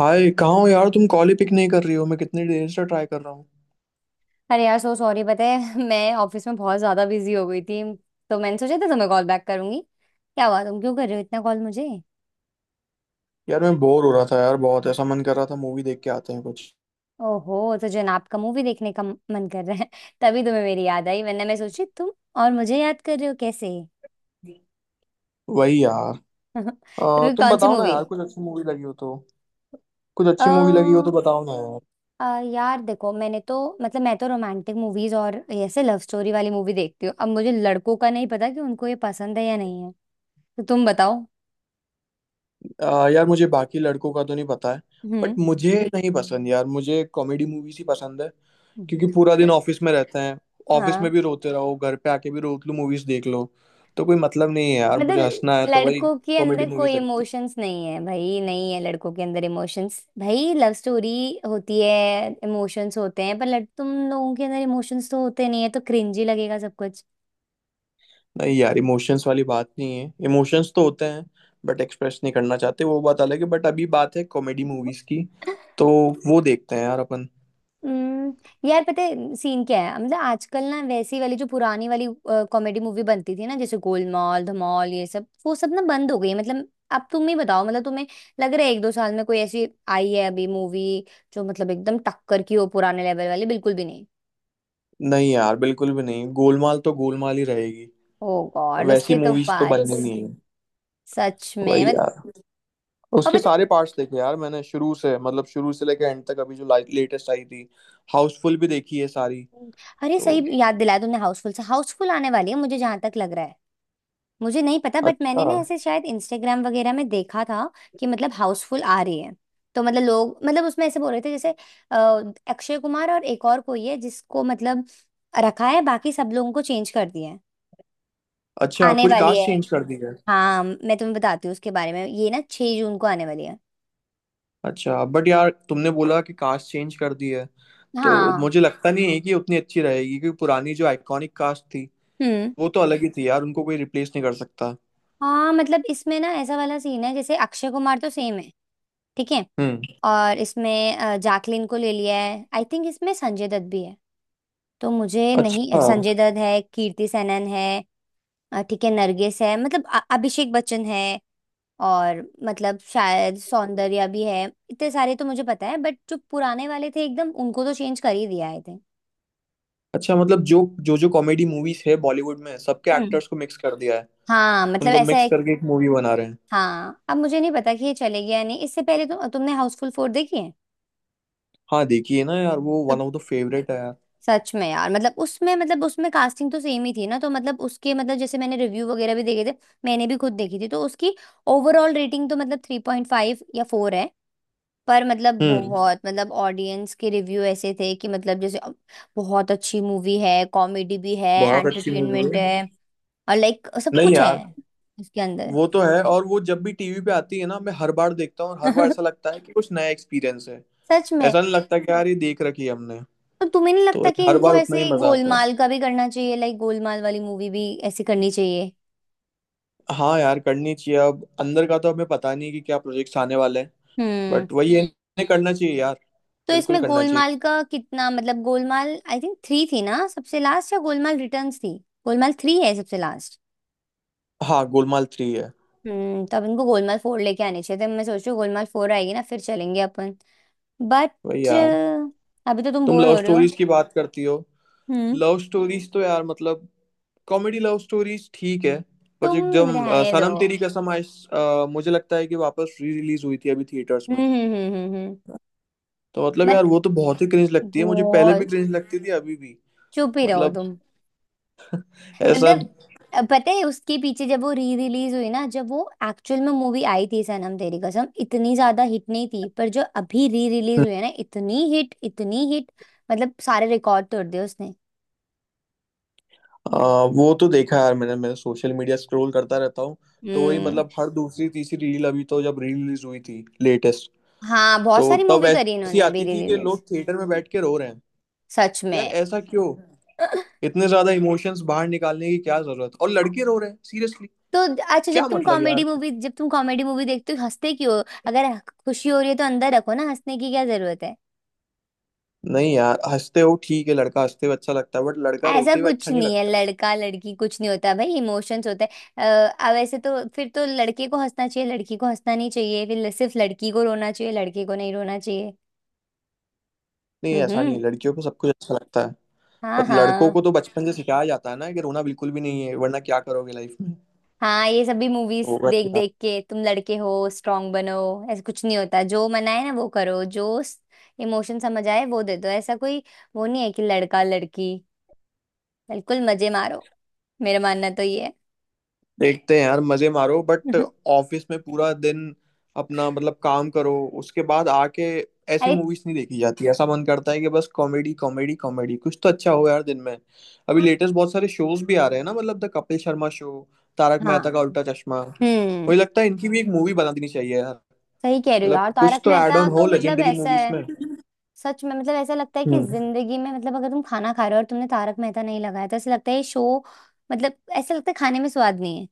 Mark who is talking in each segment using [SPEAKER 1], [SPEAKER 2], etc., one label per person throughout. [SPEAKER 1] हाय, कहाँ हो यार? तुम कॉल ही पिक नहीं कर रही हो। मैं कितनी देर से ट्राई कर रहा हूँ।
[SPEAKER 2] अरे यार सो सॉरी पता है मैं ऑफिस में बहुत ज्यादा बिजी हो गई थी। तो मैंने सोचा था तुम्हें कॉल बैक करूंगी। क्या हुआ तुम क्यों कर रहे हो इतना कॉल मुझे?
[SPEAKER 1] यार मैं बोर हो रहा था यार, बहुत ऐसा मन कर रहा था मूवी देख के आते हैं कुछ।
[SPEAKER 2] ओहो तो जनाब का मूवी देखने का मन कर रहा है तभी तुम्हें मेरी याद आई वरना मैं सोची तुम और मुझे याद कर रहे हो कैसे।
[SPEAKER 1] वही यार।
[SPEAKER 2] तुम्हें
[SPEAKER 1] तुम
[SPEAKER 2] कौन सी
[SPEAKER 1] बताओ ना
[SPEAKER 2] मूवी?
[SPEAKER 1] यार, कुछ अच्छी मूवी लगी हो तो। कुछ अच्छी मूवी लगी हो तो
[SPEAKER 2] अ
[SPEAKER 1] बताओ ना यार।
[SPEAKER 2] अ, यार देखो मैंने तो मतलब मैं तो रोमांटिक मूवीज और ऐसे लव स्टोरी वाली मूवी देखती हूँ। अब मुझे लड़कों का नहीं पता कि उनको ये पसंद है या नहीं है। तो तुम बताओ।
[SPEAKER 1] यार मुझे बाकी लड़कों का तो नहीं पता है। बट
[SPEAKER 2] हम्म।
[SPEAKER 1] मुझे नहीं पसंद यार, मुझे कॉमेडी मूवीज ही पसंद है। क्योंकि पूरा दिन ऑफिस में रहते हैं। ऑफिस में
[SPEAKER 2] हाँ
[SPEAKER 1] भी रोते रहो, घर पे आके भी रोत लो मूवीज देख लो। तो कोई मतलब नहीं है यार, मुझे
[SPEAKER 2] मतलब
[SPEAKER 1] हंसना है तो भाई।
[SPEAKER 2] लड़कों के
[SPEAKER 1] कॉमेडी
[SPEAKER 2] अंदर कोई
[SPEAKER 1] मूवीज।
[SPEAKER 2] इमोशंस नहीं है भाई, नहीं है लड़कों के अंदर इमोशंस भाई। लव स्टोरी होती है, इमोशंस होते हैं पर लड़ तुम लोगों के अंदर इमोशंस तो होते नहीं है तो क्रिंजी लगेगा सब कुछ।
[SPEAKER 1] नहीं यार इमोशंस वाली बात नहीं है, इमोशंस तो होते हैं। बट एक्सप्रेस नहीं करना चाहते वो बात अलग है, बट अभी बात है कॉमेडी मूवीज की। तो वो देखते हैं यार अपन।
[SPEAKER 2] हम्म। यार पता है सीन क्या है, मतलब आजकल ना वैसी वाली जो पुरानी वाली कॉमेडी मूवी बनती थी ना जैसे गोलमाल धमाल ये सब वो सब ना बंद हो गई है। मतलब अब तुम ही बताओ, मतलब तुम्हें लग रहा है एक दो साल में कोई ऐसी आई है अभी मूवी जो मतलब एकदम टक्कर की हो पुराने लेवल वाली? बिल्कुल भी नहीं।
[SPEAKER 1] नहीं यार बिल्कुल भी नहीं, गोलमाल तो गोलमाल ही रहेगी।
[SPEAKER 2] ओ गॉड
[SPEAKER 1] वैसी
[SPEAKER 2] उसके तो
[SPEAKER 1] मूवीज तो बननी
[SPEAKER 2] पार्ट्स
[SPEAKER 1] नहीं है।
[SPEAKER 2] सच में
[SPEAKER 1] वही
[SPEAKER 2] मत।
[SPEAKER 1] यार।
[SPEAKER 2] और
[SPEAKER 1] उसके
[SPEAKER 2] पता?
[SPEAKER 1] सारे पार्ट्स देखे यार मैंने, शुरू से मतलब शुरू से लेके एंड तक, अभी जो लेटेस्ट आई थी हाउसफुल, भी देखी है सारी।
[SPEAKER 2] अरे
[SPEAKER 1] तो
[SPEAKER 2] सही याद दिलाया तुमने हाउसफुल से, हाउसफुल आने वाली है मुझे जहां तक लग रहा है। मुझे नहीं पता बट
[SPEAKER 1] अच्छा।
[SPEAKER 2] मैंने ना ऐसे शायद इंस्टाग्राम वगैरह में देखा था कि मतलब हाउसफुल आ रही है। तो मतलब लोग मतलब उसमें ऐसे बोल रहे थे जैसे अ, अक्षय कुमार और एक और कोई है जिसको मतलब रखा है, बाकी सब लोगों को चेंज कर दिया है,
[SPEAKER 1] अच्छा,
[SPEAKER 2] आने
[SPEAKER 1] पूरी
[SPEAKER 2] वाली
[SPEAKER 1] कास्ट
[SPEAKER 2] है।
[SPEAKER 1] चेंज कर दी है?
[SPEAKER 2] हाँ मैं तुम्हें बताती हूँ उसके बारे में, ये ना 6 जून को आने वाली है।
[SPEAKER 1] अच्छा बट यार तुमने बोला कि कास्ट चेंज कर दी है, तो
[SPEAKER 2] हाँ।
[SPEAKER 1] मुझे लगता नहीं है कि उतनी अच्छी रहेगी, क्योंकि पुरानी जो आइकॉनिक कास्ट थी
[SPEAKER 2] हम्म।
[SPEAKER 1] वो तो अलग ही थी यार, उनको कोई रिप्लेस नहीं कर सकता।
[SPEAKER 2] हाँ मतलब इसमें ना ऐसा वाला सीन है, जैसे अक्षय कुमार तो सेम है। ठीक है,
[SPEAKER 1] हम्म।
[SPEAKER 2] और इसमें जैकलिन को ले लिया है, आई थिंक इसमें संजय दत्त भी है। तो मुझे नहीं,
[SPEAKER 1] अच्छा।
[SPEAKER 2] संजय दत्त है, कीर्ति सेनन है। ठीक है, नरगिस है, मतलब अभिषेक बच्चन है और मतलब शायद सौंदर्या भी है। इतने सारे तो मुझे पता है बट जो पुराने वाले थे एकदम उनको तो चेंज कर ही दिया आई थिंक।
[SPEAKER 1] अच्छा, मतलब जो जो जो कॉमेडी मूवीज है बॉलीवुड में सबके
[SPEAKER 2] हम्म।
[SPEAKER 1] एक्टर्स को मिक्स कर दिया है।
[SPEAKER 2] हाँ मतलब
[SPEAKER 1] उनको
[SPEAKER 2] ऐसा
[SPEAKER 1] मिक्स
[SPEAKER 2] है।
[SPEAKER 1] करके एक मूवी बना रहे हैं।
[SPEAKER 2] हाँ अब मुझे नहीं पता कि ये चलेगी या नहीं। इससे पहले तो तुमने हाउसफुल 4 देखी है
[SPEAKER 1] हाँ, देखिए ना यार, वो
[SPEAKER 2] तो
[SPEAKER 1] वन ऑफ द फेवरेट है यार।
[SPEAKER 2] सच में यार मतलब उसमें, मतलब उसमें कास्टिंग तो सेम ही थी ना तो मतलब उसके मतलब जैसे मैंने रिव्यू वगैरह भी देखे थे। मैंने भी खुद देखी थी तो उसकी ओवरऑल रेटिंग तो मतलब 3.5 या 4 है। पर मतलब
[SPEAKER 1] हम्म।
[SPEAKER 2] बहुत, मतलब ऑडियंस के रिव्यू ऐसे थे कि मतलब जैसे बहुत अच्छी मूवी है, कॉमेडी भी है,
[SPEAKER 1] बहुत अच्छी मूवी
[SPEAKER 2] एंटरटेनमेंट
[SPEAKER 1] है।
[SPEAKER 2] है और लाइक सब
[SPEAKER 1] नहीं
[SPEAKER 2] कुछ है
[SPEAKER 1] यार।
[SPEAKER 2] इसके अंदर।
[SPEAKER 1] वो तो है, और वो जब भी टीवी पे आती है ना मैं हर बार देखता हूँ, और हर बार ऐसा लगता है कि कुछ नया एक्सपीरियंस है।
[SPEAKER 2] सच में।
[SPEAKER 1] ऐसा नहीं लगता कि यार ये देख रखी है हमने।
[SPEAKER 2] तो तुम्हें नहीं
[SPEAKER 1] तो
[SPEAKER 2] लगता कि
[SPEAKER 1] हर बार
[SPEAKER 2] इनको
[SPEAKER 1] उतना ही
[SPEAKER 2] ऐसे
[SPEAKER 1] मजा आता है।
[SPEAKER 2] गोलमाल का भी करना चाहिए? लाइक गोलमाल वाली मूवी भी ऐसी करनी चाहिए।
[SPEAKER 1] हाँ यार करनी चाहिए, अब अंदर का तो हमें पता नहीं कि क्या प्रोजेक्ट्स आने वाले हैं।
[SPEAKER 2] हम्म।
[SPEAKER 1] बट वही है, इन्हें करना चाहिए यार।
[SPEAKER 2] तो
[SPEAKER 1] बिल्कुल
[SPEAKER 2] इसमें
[SPEAKER 1] करना चाहिए।
[SPEAKER 2] गोलमाल का कितना, मतलब गोलमाल आई थिंक 3 थी ना सबसे लास्ट, या गोलमाल रिटर्न्स थी। गोलमाल 3 है सबसे लास्ट।
[SPEAKER 1] हाँ, गोलमाल थ्री है।
[SPEAKER 2] हम्म। तब इनको गोलमाल 4 लेके आने चाहिए थे। मैं सोच रही हूँ गोलमाल फोर आएगी ना फिर चलेंगे अपन। बट
[SPEAKER 1] वही यार।
[SPEAKER 2] अभी तो तुम
[SPEAKER 1] तुम
[SPEAKER 2] बोर
[SPEAKER 1] लव
[SPEAKER 2] हो रहे हो।
[SPEAKER 1] स्टोरीज की बात करती हो।
[SPEAKER 2] हम्म।
[SPEAKER 1] लव स्टोरीज तो यार मतलब। कॉमेडी लव स्टोरीज ठीक है। बट
[SPEAKER 2] तुम
[SPEAKER 1] एकदम
[SPEAKER 2] रहने दो।
[SPEAKER 1] सनम तेरी कसम आई। मुझे लगता है कि वापस री रिलीज हुई थी अभी थिएटर्स
[SPEAKER 2] हम्म
[SPEAKER 1] में।
[SPEAKER 2] हम्म हम्म हम्म हम्म।
[SPEAKER 1] तो मतलब
[SPEAKER 2] मत,
[SPEAKER 1] यार वो तो बहुत ही क्रिंज लगती है मुझे, पहले भी
[SPEAKER 2] बहुत,
[SPEAKER 1] क्रिंज लगती थी अभी भी।
[SPEAKER 2] चुप ही रहो
[SPEAKER 1] मतलब
[SPEAKER 2] तुम।
[SPEAKER 1] ऐसा।
[SPEAKER 2] मतलब पता है उसके पीछे, जब वो री रिलीज हुई ना, जब वो एक्चुअल में मूवी आई थी सनम तेरी कसम, इतनी ज्यादा हिट नहीं थी पर जो अभी री रिलीज हुई है ना इतनी हिट, इतनी हिट, मतलब सारे रिकॉर्ड तोड़ दिए उसने।
[SPEAKER 1] आ, वो तो देखा है यार मैंने, मैं सोशल मीडिया स्क्रॉल करता रहता हूँ। तो वही,
[SPEAKER 2] हम्म।
[SPEAKER 1] मतलब हर दूसरी तीसरी रील अभी, तो जब रील रिलीज हुई थी लेटेस्ट।
[SPEAKER 2] हाँ बहुत
[SPEAKER 1] तो
[SPEAKER 2] सारी
[SPEAKER 1] तब
[SPEAKER 2] मूवी करी
[SPEAKER 1] ऐसी
[SPEAKER 2] इन्होंने अभी
[SPEAKER 1] आती
[SPEAKER 2] री
[SPEAKER 1] थी कि
[SPEAKER 2] रिलीज।
[SPEAKER 1] लोग थिएटर में बैठ के रो रहे हैं।
[SPEAKER 2] सच
[SPEAKER 1] यार
[SPEAKER 2] में।
[SPEAKER 1] ऐसा क्यों? इतने ज्यादा इमोशंस बाहर निकालने की क्या जरूरत, और लड़के रो रहे हैं सीरियसली।
[SPEAKER 2] तो अच्छा जब
[SPEAKER 1] क्या
[SPEAKER 2] तुम
[SPEAKER 1] मतलब
[SPEAKER 2] कॉमेडी
[SPEAKER 1] यार?
[SPEAKER 2] मूवी, जब तुम कॉमेडी मूवी देखते हो हंसते क्यों हो? अगर खुशी हो रही है तो अंदर रखो ना, हंसने की क्या जरूरत है।
[SPEAKER 1] नहीं यार, हंसते हो ठीक है, लड़का हंसते हुए अच्छा लगता है, बट लड़का
[SPEAKER 2] ऐसा
[SPEAKER 1] रोते हुए
[SPEAKER 2] कुछ
[SPEAKER 1] अच्छा नहीं
[SPEAKER 2] नहीं है
[SPEAKER 1] लगता।
[SPEAKER 2] लड़का लड़की कुछ नहीं होता भाई, इमोशंस होते हैं। अब ऐसे तो फिर तो लड़के को हंसना चाहिए, लड़की को हंसना नहीं चाहिए, फिर सिर्फ लड़की को रोना चाहिए, लड़के को नहीं रोना चाहिए।
[SPEAKER 1] नहीं ऐसा नहीं है,
[SPEAKER 2] हम्म।
[SPEAKER 1] लड़कियों को सब कुछ अच्छा लगता है।
[SPEAKER 2] हाँ
[SPEAKER 1] पर लड़कों
[SPEAKER 2] हाँ।
[SPEAKER 1] को तो बचपन से सिखाया जाता है ना कि रोना बिल्कुल भी नहीं है, वरना क्या करोगे लाइफ में।
[SPEAKER 2] हाँ ये सभी मूवीज
[SPEAKER 1] तो
[SPEAKER 2] देख
[SPEAKER 1] वही।
[SPEAKER 2] देख के, तुम लड़के हो स्ट्रांग बनो। ऐसा कुछ नहीं होता, जो मना है ना वो करो, जो इमोशन समझ आए वो दे दो, ऐसा कोई वो नहीं है कि लड़का लड़की, बिल्कुल मजे मारो। मेरा मानना तो ये है।
[SPEAKER 1] देखते हैं यार मजे मारो, बट ऑफिस में पूरा दिन अपना मतलब काम करो, उसके बाद आके ऐसी
[SPEAKER 2] अरे,
[SPEAKER 1] मूवीज नहीं देखी जाती। ऐसा मन करता है कि बस कॉमेडी कॉमेडी कॉमेडी, कुछ तो अच्छा हो यार दिन में। अभी
[SPEAKER 2] हाँ
[SPEAKER 1] लेटेस्ट बहुत सारे शोज भी आ रहे हैं ना, मतलब द कपिल शर्मा शो, तारक मेहता का
[SPEAKER 2] हाँ,
[SPEAKER 1] उल्टा चश्मा,
[SPEAKER 2] हम्म
[SPEAKER 1] मुझे लगता है इनकी भी एक मूवी बना देनी चाहिए यार।
[SPEAKER 2] सही कह रही हो
[SPEAKER 1] मतलब
[SPEAKER 2] यार। तारक
[SPEAKER 1] कुछ तो ऐड
[SPEAKER 2] मेहता
[SPEAKER 1] ऑन
[SPEAKER 2] तो
[SPEAKER 1] हो
[SPEAKER 2] मतलब
[SPEAKER 1] लेजेंडरी
[SPEAKER 2] ऐसा
[SPEAKER 1] मूवीज
[SPEAKER 2] है,
[SPEAKER 1] में।
[SPEAKER 2] सच में मतलब ऐसा लगता है कि
[SPEAKER 1] हम्म।
[SPEAKER 2] जिंदगी में, मतलब अगर तुम खाना खा रहे हो और तुमने तारक मेहता नहीं लगाया तो ऐसा लगता है ये शो, मतलब ऐसा लगता है खाने में स्वाद नहीं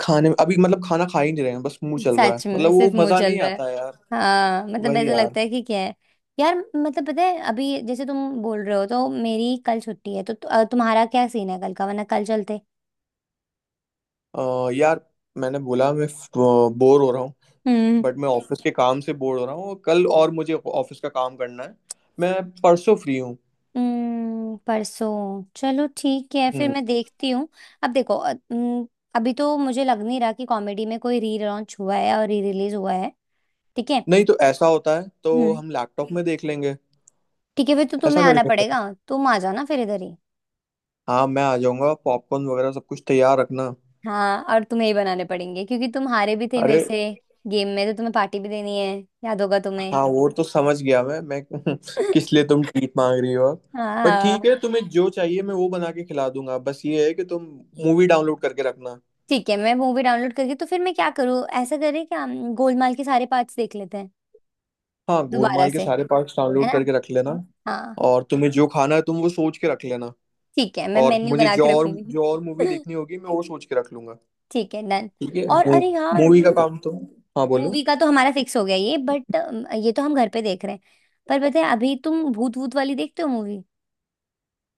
[SPEAKER 1] खाने में अभी मतलब खाना खा ही नहीं रहे हैं, बस मुंह
[SPEAKER 2] है।
[SPEAKER 1] चल रहा है,
[SPEAKER 2] सच
[SPEAKER 1] मतलब
[SPEAKER 2] में
[SPEAKER 1] वो
[SPEAKER 2] सिर्फ मुंह
[SPEAKER 1] मजा
[SPEAKER 2] चल
[SPEAKER 1] नहीं
[SPEAKER 2] रहा है।
[SPEAKER 1] आता है यार।
[SPEAKER 2] हाँ मतलब
[SPEAKER 1] वही
[SPEAKER 2] ऐसा
[SPEAKER 1] यार।
[SPEAKER 2] लगता है कि क्या है। यार मतलब पता है अभी जैसे तुम बोल रहे हो, तो मेरी कल छुट्टी है तो तुम्हारा क्या सीन है कल का, वरना कल चलते।
[SPEAKER 1] यार मैंने बोला मैं बोर हो रहा हूँ,
[SPEAKER 2] हम्म।
[SPEAKER 1] बट मैं ऑफिस के काम से बोर हो रहा हूँ, कल और मुझे ऑफिस का काम करना है। मैं परसों फ्री हूँ।
[SPEAKER 2] परसों चलो ठीक है फिर,
[SPEAKER 1] हम्म।
[SPEAKER 2] मैं देखती हूँ। अब देखो, अभी तो मुझे लग नहीं रहा कि कॉमेडी में कोई री लॉन्च हुआ है और री रिलीज हुआ है। ठीक है।
[SPEAKER 1] नहीं तो ऐसा होता है तो
[SPEAKER 2] हम्म।
[SPEAKER 1] हम लैपटॉप में देख लेंगे।
[SPEAKER 2] ठीक है फिर तो
[SPEAKER 1] ऐसा
[SPEAKER 2] तुम्हें
[SPEAKER 1] कर
[SPEAKER 2] आना
[SPEAKER 1] लेंगे।
[SPEAKER 2] पड़ेगा। तुम आ जाना फिर इधर ही।
[SPEAKER 1] हाँ मैं आ जाऊंगा, पॉपकॉर्न वगैरह सब कुछ तैयार रखना।
[SPEAKER 2] हाँ और तुम्हें ही बनाने पड़ेंगे क्योंकि तुम हारे भी थे
[SPEAKER 1] अरे
[SPEAKER 2] मेरे से गेम में, तो तुम्हें पार्टी भी देनी है, याद होगा तुम्हें।
[SPEAKER 1] हाँ वो तो समझ गया मैं किस लिए तुम ट्रीट मांग रही हो अब? बट ठीक
[SPEAKER 2] हाँ
[SPEAKER 1] है, तुम्हें जो चाहिए मैं वो बना के खिला दूंगा, बस ये है कि तुम मूवी डाउनलोड करके रखना।
[SPEAKER 2] ठीक है, मैं मूवी डाउनलोड करके, तो फिर मैं क्या करूँ, ऐसा करें क्या, हम गोलमाल के सारे पार्ट्स देख लेते हैं
[SPEAKER 1] हाँ
[SPEAKER 2] दोबारा
[SPEAKER 1] गोलमाल के
[SPEAKER 2] से,
[SPEAKER 1] सारे पार्ट्स
[SPEAKER 2] है
[SPEAKER 1] डाउनलोड
[SPEAKER 2] ना?
[SPEAKER 1] करके रख लेना।
[SPEAKER 2] हाँ
[SPEAKER 1] और तुम्हें जो खाना है तुम वो सोच के रख लेना।
[SPEAKER 2] ठीक है, मैं
[SPEAKER 1] और
[SPEAKER 2] मेन्यू
[SPEAKER 1] मुझे
[SPEAKER 2] बना
[SPEAKER 1] जो
[SPEAKER 2] के
[SPEAKER 1] और
[SPEAKER 2] रखूंगी।
[SPEAKER 1] जो और मूवी देखनी होगी मैं वो सोच के रख लूंगा।
[SPEAKER 2] ठीक है डन।
[SPEAKER 1] ठीक है।
[SPEAKER 2] और अरे यार
[SPEAKER 1] मूवी का काम तो। हाँ बोलो।
[SPEAKER 2] मूवी का तो हमारा फिक्स हो गया ये, बट ये तो हम घर पे देख रहे हैं। पर पता है अभी तुम भूत भूत वाली देखते हो मूवी?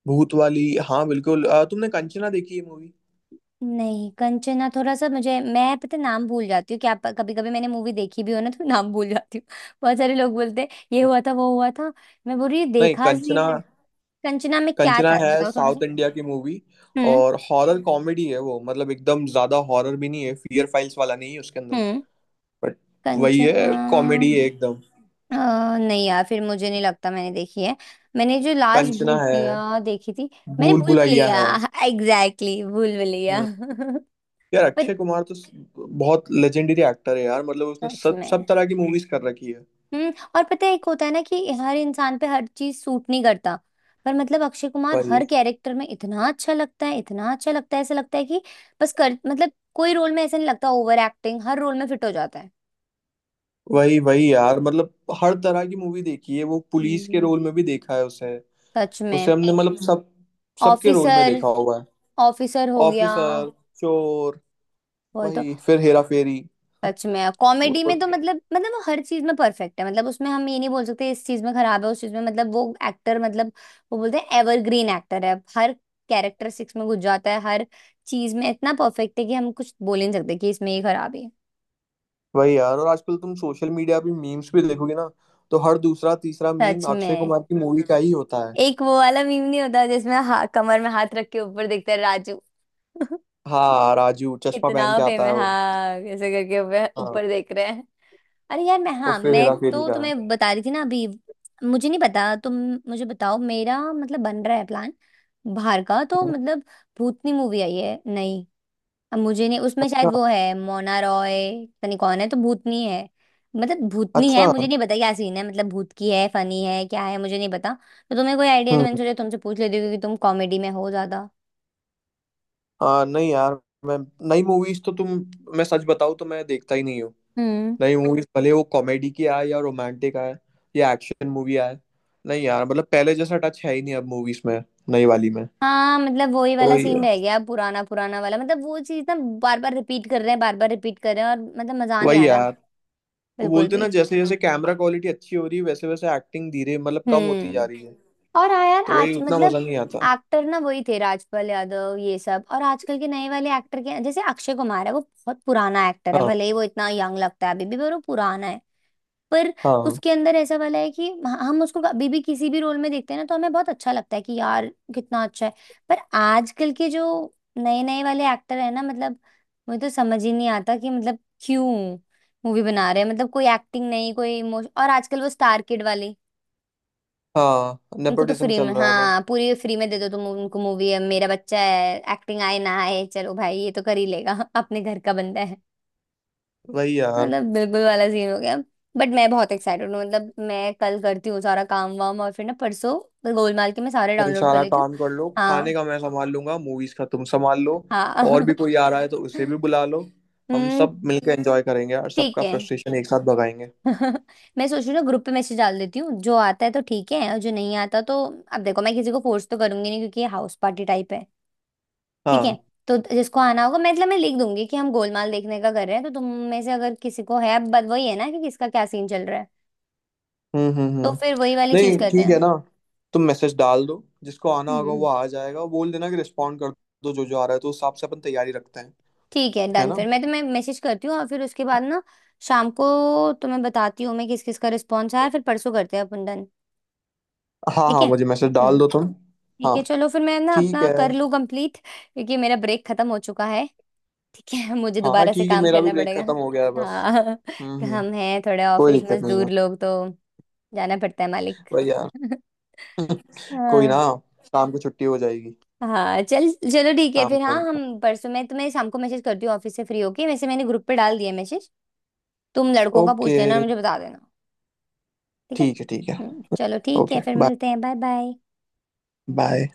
[SPEAKER 1] भूत वाली? हाँ बिल्कुल। तुमने कंचना देखी है मूवी?
[SPEAKER 2] नहीं कंचना, थोड़ा सा, मुझे, मैं पता है नाम भूल जाती हूँ क्या कभी कभी, मैंने मूवी देखी भी हो ना तो नाम भूल जाती हूँ। बहुत सारे लोग बोलते हैं ये हुआ था, वो हुआ था, मैं बोल रही हूँ,
[SPEAKER 1] नहीं
[SPEAKER 2] देखा
[SPEAKER 1] कंचना।
[SPEAKER 2] सीन है। कंचना में क्या
[SPEAKER 1] कंचना
[SPEAKER 2] था
[SPEAKER 1] है
[SPEAKER 2] बताओ थोड़ा सा।
[SPEAKER 1] साउथ इंडिया की मूवी।
[SPEAKER 2] हम्म
[SPEAKER 1] और हॉरर कॉमेडी है वो, मतलब एकदम ज्यादा हॉरर भी नहीं है, फियर फाइल्स वाला नहीं है उसके अंदर।
[SPEAKER 2] हम्म।
[SPEAKER 1] बट वही
[SPEAKER 2] कंचना?
[SPEAKER 1] है, कॉमेडी है एकदम।
[SPEAKER 2] अ, नहीं यार फिर मुझे नहीं लगता मैंने देखी है। मैंने जो लास्ट
[SPEAKER 1] कंचना है।
[SPEAKER 2] भूतिया देखी थी, मैंने
[SPEAKER 1] भूल
[SPEAKER 2] भूल
[SPEAKER 1] भुलैया
[SPEAKER 2] भुलैया
[SPEAKER 1] है।
[SPEAKER 2] एग्जैक्टली exactly, भूल भुलैया
[SPEAKER 1] हम्म। यार
[SPEAKER 2] पर
[SPEAKER 1] अक्षय कुमार तो बहुत लेजेंडरी एक्टर है यार, मतलब उसने
[SPEAKER 2] सच
[SPEAKER 1] सब सब
[SPEAKER 2] में।
[SPEAKER 1] तरह की मूवीज कर रखी है।
[SPEAKER 2] हम्म। और पता है एक होता है ना कि हर इंसान पे हर चीज सूट नहीं करता, पर मतलब अक्षय कुमार
[SPEAKER 1] भाई।
[SPEAKER 2] हर कैरेक्टर में इतना अच्छा लगता है, इतना अच्छा लगता है, ऐसा लगता है कि बस कर, मतलब कोई रोल में ऐसा नहीं लगता ओवर एक्टिंग, हर रोल में फिट हो जाता है।
[SPEAKER 1] वही वही यार, मतलब हर तरह की मूवी देखी है, वो पुलिस के
[SPEAKER 2] हम्म।
[SPEAKER 1] रोल में भी देखा है उसे।
[SPEAKER 2] सच
[SPEAKER 1] उसे
[SPEAKER 2] में।
[SPEAKER 1] हमने मतलब सब, सबके रोल में
[SPEAKER 2] ऑफिसर।
[SPEAKER 1] देखा हुआ है।
[SPEAKER 2] ऑफिसर हो गया
[SPEAKER 1] ऑफिसर। चोर।
[SPEAKER 2] वो तो।
[SPEAKER 1] वही फिर हेरा फेरी।
[SPEAKER 2] सच में कॉमेडी में
[SPEAKER 1] और।
[SPEAKER 2] तो मतलब वो हर चीज में परफेक्ट है, मतलब उसमें हम ये नहीं बोल सकते इस चीज में खराब है, उस चीज में, मतलब वो एक्टर, मतलब वो बोलते हैं एवरग्रीन एक्टर है, हर कैरेक्टरिस्टिक्स में घुस जाता है, हर चीज में इतना परफेक्ट है कि हम कुछ बोल ही नहीं सकते कि इसमें ये खराब है।
[SPEAKER 1] वही यार, और आजकल तुम सोशल मीडिया पे मीम्स भी देखोगे ना, तो हर दूसरा तीसरा मीम
[SPEAKER 2] सच
[SPEAKER 1] अक्षय
[SPEAKER 2] में।
[SPEAKER 1] कुमार की मूवी का ही होता है।
[SPEAKER 2] एक वो वाला मीम नहीं होता जिसमें कमर में हाथ रख के ऊपर देखता है राजू।
[SPEAKER 1] हाँ राजू चश्मा
[SPEAKER 2] कितना
[SPEAKER 1] पहन के
[SPEAKER 2] फेम
[SPEAKER 1] आता
[SPEAKER 2] है,
[SPEAKER 1] है वो।
[SPEAKER 2] हाँ ऐसे करके ऊपर
[SPEAKER 1] हाँ।
[SPEAKER 2] ऊपर देख रहे हैं। अरे यार मैं,
[SPEAKER 1] और
[SPEAKER 2] हाँ
[SPEAKER 1] फिर
[SPEAKER 2] मैं
[SPEAKER 1] हेरा फेरी
[SPEAKER 2] तो
[SPEAKER 1] का
[SPEAKER 2] तुम्हें
[SPEAKER 1] है।
[SPEAKER 2] बता रही थी ना अभी। मुझे नहीं पता तुम, मुझे बताओ, मेरा मतलब बन रहा है प्लान बाहर का, तो मतलब भूतनी मूवी आई है नहीं, अब मुझे नहीं, उसमें
[SPEAKER 1] अच्छा।
[SPEAKER 2] शायद वो है मोना रॉय, पता नहीं कौन है, तो भूतनी है, मतलब भूतनी
[SPEAKER 1] अच्छा।
[SPEAKER 2] है, मुझे नहीं पता क्या सीन है, मतलब भूत की है, फनी है, क्या है मुझे नहीं पता। तो तुम्हें कोई आइडिया है, तो मैंने
[SPEAKER 1] हम्म।
[SPEAKER 2] सोचा तुमसे पूछ लेती हूँ क्योंकि तुम कॉमेडी में हो ज्यादा।
[SPEAKER 1] नहीं यार मैं, नई मूवीज तो तुम, मैं सच बताऊं तो मैं देखता ही नहीं हूँ।
[SPEAKER 2] हम्म।
[SPEAKER 1] नई मूवीज, भले वो कॉमेडी की आए या रोमांटिक आए या एक्शन मूवी आए, नहीं यार मतलब पहले जैसा टच है ही नहीं अब मूवीज में, नई वाली में।
[SPEAKER 2] हाँ मतलब वही वाला
[SPEAKER 1] वही
[SPEAKER 2] सीन
[SPEAKER 1] है।
[SPEAKER 2] रह गया, पुराना पुराना वाला, मतलब वो चीज ना, बार बार रिपीट कर रहे हैं, बार बार रिपीट कर रहे हैं, और मतलब मजा नहीं आ
[SPEAKER 1] वही
[SPEAKER 2] रहा
[SPEAKER 1] यार। वो
[SPEAKER 2] बिल्कुल
[SPEAKER 1] बोलते
[SPEAKER 2] भी।
[SPEAKER 1] ना, जैसे जैसे कैमरा क्वालिटी अच्छी हो रही है वैसे वैसे एक्टिंग धीरे मतलब कम होती जा
[SPEAKER 2] हम्म।
[SPEAKER 1] रही है।
[SPEAKER 2] और हाँ यार
[SPEAKER 1] तो वही,
[SPEAKER 2] आज
[SPEAKER 1] उतना मजा
[SPEAKER 2] मतलब
[SPEAKER 1] नहीं आता।
[SPEAKER 2] एक्टर ना वही थे राजपाल यादव ये सब, और आजकल के नए वाले एक्टर के जैसे अक्षय कुमार है, वो बहुत पुराना एक्टर है,
[SPEAKER 1] हाँ।
[SPEAKER 2] भले ही वो इतना यंग लगता है अभी भी, पर वो पुराना है। पर
[SPEAKER 1] हाँ।
[SPEAKER 2] उसके अंदर ऐसा वाला है कि हम उसको अभी भी किसी भी रोल में देखते हैं ना तो हमें बहुत अच्छा लगता है कि यार कितना अच्छा है। पर आजकल के जो नए नए वाले एक्टर है ना, मतलब मुझे तो समझ ही नहीं आता कि मतलब क्यों मूवी बना रहे हैं, मतलब कोई एक्टिंग नहीं, कोई इमोशन, और आजकल वो स्टार किड वाली,
[SPEAKER 1] हाँ
[SPEAKER 2] उनको तो
[SPEAKER 1] नेपोटिज्म
[SPEAKER 2] फ्री
[SPEAKER 1] चल
[SPEAKER 2] में,
[SPEAKER 1] रहा है बस।
[SPEAKER 2] हाँ पूरी फ्री में दे दो तुम उनको मूवी, है मेरा बच्चा है, एक्टिंग आए ना आए, चलो भाई ये तो कर ही लेगा अपने घर का बंदा,
[SPEAKER 1] वही यार।
[SPEAKER 2] मतलब बिल्कुल वाला सीन हो गया। बट मैं बहुत एक्साइटेड हूँ, मतलब मैं कल करती हूँ सारा काम वाम, और फिर ना परसों गोलमाल के मैं सारे
[SPEAKER 1] भाई
[SPEAKER 2] डाउनलोड कर
[SPEAKER 1] सारा
[SPEAKER 2] लेती हूँ।
[SPEAKER 1] काम कर लो, खाने
[SPEAKER 2] हाँ।
[SPEAKER 1] का मैं संभाल लूंगा, मूवीज का तुम संभाल लो। और
[SPEAKER 2] हाँ
[SPEAKER 1] भी कोई आ रहा है तो उसे भी बुला लो। हम
[SPEAKER 2] हम्म।
[SPEAKER 1] सब मिलकर एंजॉय करेंगे और
[SPEAKER 2] ठीक
[SPEAKER 1] सबका
[SPEAKER 2] है
[SPEAKER 1] फ्रस्ट्रेशन एक साथ भगाएंगे।
[SPEAKER 2] मैं सोच रही हूँ ना ग्रुप पे मैसेज डाल देती हूँ, जो आता है तो ठीक है और जो नहीं आता तो, अब देखो मैं किसी को फोर्स तो करूंगी नहीं क्योंकि ये हाउस पार्टी टाइप है। ठीक है।
[SPEAKER 1] हाँ।
[SPEAKER 2] तो जिसको आना होगा, मैं मतलब मैं लिख दूंगी कि हम गोलमाल देखने का कर रहे हैं, तो तुम में से अगर किसी को है, अब बात वही है ना कि किसका क्या सीन चल रहा है, तो
[SPEAKER 1] हम्म।
[SPEAKER 2] फिर वही वाली चीज
[SPEAKER 1] नहीं
[SPEAKER 2] करते
[SPEAKER 1] ठीक है ना। तुम मैसेज डाल दो, जिसको आना होगा वो
[SPEAKER 2] हैं।
[SPEAKER 1] आ जाएगा। बोल देना कि रिस्पॉन्ड कर दो, जो जो आ रहा है तो उस हिसाब से अपन तैयारी रखते हैं।
[SPEAKER 2] ठीक है
[SPEAKER 1] है
[SPEAKER 2] डन,
[SPEAKER 1] ना?
[SPEAKER 2] फिर मैं तुम्हें मैसेज करती हूँ और फिर उसके बाद ना शाम को तुम्हें बताती हूँ मैं किस किस का रिस्पॉन्स आया, फिर परसों करते हैं अपन। डन।
[SPEAKER 1] हाँ
[SPEAKER 2] ठीक
[SPEAKER 1] हाँ
[SPEAKER 2] है।
[SPEAKER 1] मुझे मैसेज डाल
[SPEAKER 2] हम्म।
[SPEAKER 1] दो तुम।
[SPEAKER 2] ठीक
[SPEAKER 1] हाँ।
[SPEAKER 2] है चलो, फिर मैं ना
[SPEAKER 1] ठीक
[SPEAKER 2] अपना
[SPEAKER 1] है।
[SPEAKER 2] कर लूँ कंप्लीट क्योंकि मेरा ब्रेक खत्म हो चुका है। ठीक है मुझे
[SPEAKER 1] हाँ हाँ,
[SPEAKER 2] दोबारा से
[SPEAKER 1] ठीक है,
[SPEAKER 2] काम
[SPEAKER 1] मेरा भी
[SPEAKER 2] करना
[SPEAKER 1] ब्रेक
[SPEAKER 2] पड़ेगा।
[SPEAKER 1] खत्म हो गया है बस।
[SPEAKER 2] हाँ।
[SPEAKER 1] हम्म।
[SPEAKER 2] हम हैं थोड़े
[SPEAKER 1] कोई
[SPEAKER 2] ऑफिस
[SPEAKER 1] दिक्कत नहीं है।
[SPEAKER 2] मजदूर लोग तो, जाना पड़ता है मालिक।
[SPEAKER 1] भाई यार। कोई ना।
[SPEAKER 2] हाँ।
[SPEAKER 1] शाम को छुट्टी हो जाएगी।
[SPEAKER 2] हाँ चल चलो ठीक है
[SPEAKER 1] शाम
[SPEAKER 2] फिर, हाँ
[SPEAKER 1] को मिलते
[SPEAKER 2] हम परसों, मैं तुम्हें शाम को मैसेज करती हूँ ऑफिस से फ्री होके, वैसे मैंने ग्रुप पे डाल दिया मैसेज। तुम
[SPEAKER 1] हैं।
[SPEAKER 2] लड़कों का पूछ
[SPEAKER 1] ओके।
[SPEAKER 2] लेना और मुझे बता देना। ठीक है।
[SPEAKER 1] ठीक है ठीक है।
[SPEAKER 2] चलो ठीक
[SPEAKER 1] ओके
[SPEAKER 2] है फिर
[SPEAKER 1] बाय।
[SPEAKER 2] मिलते हैं, बाय बाय।
[SPEAKER 1] बाय।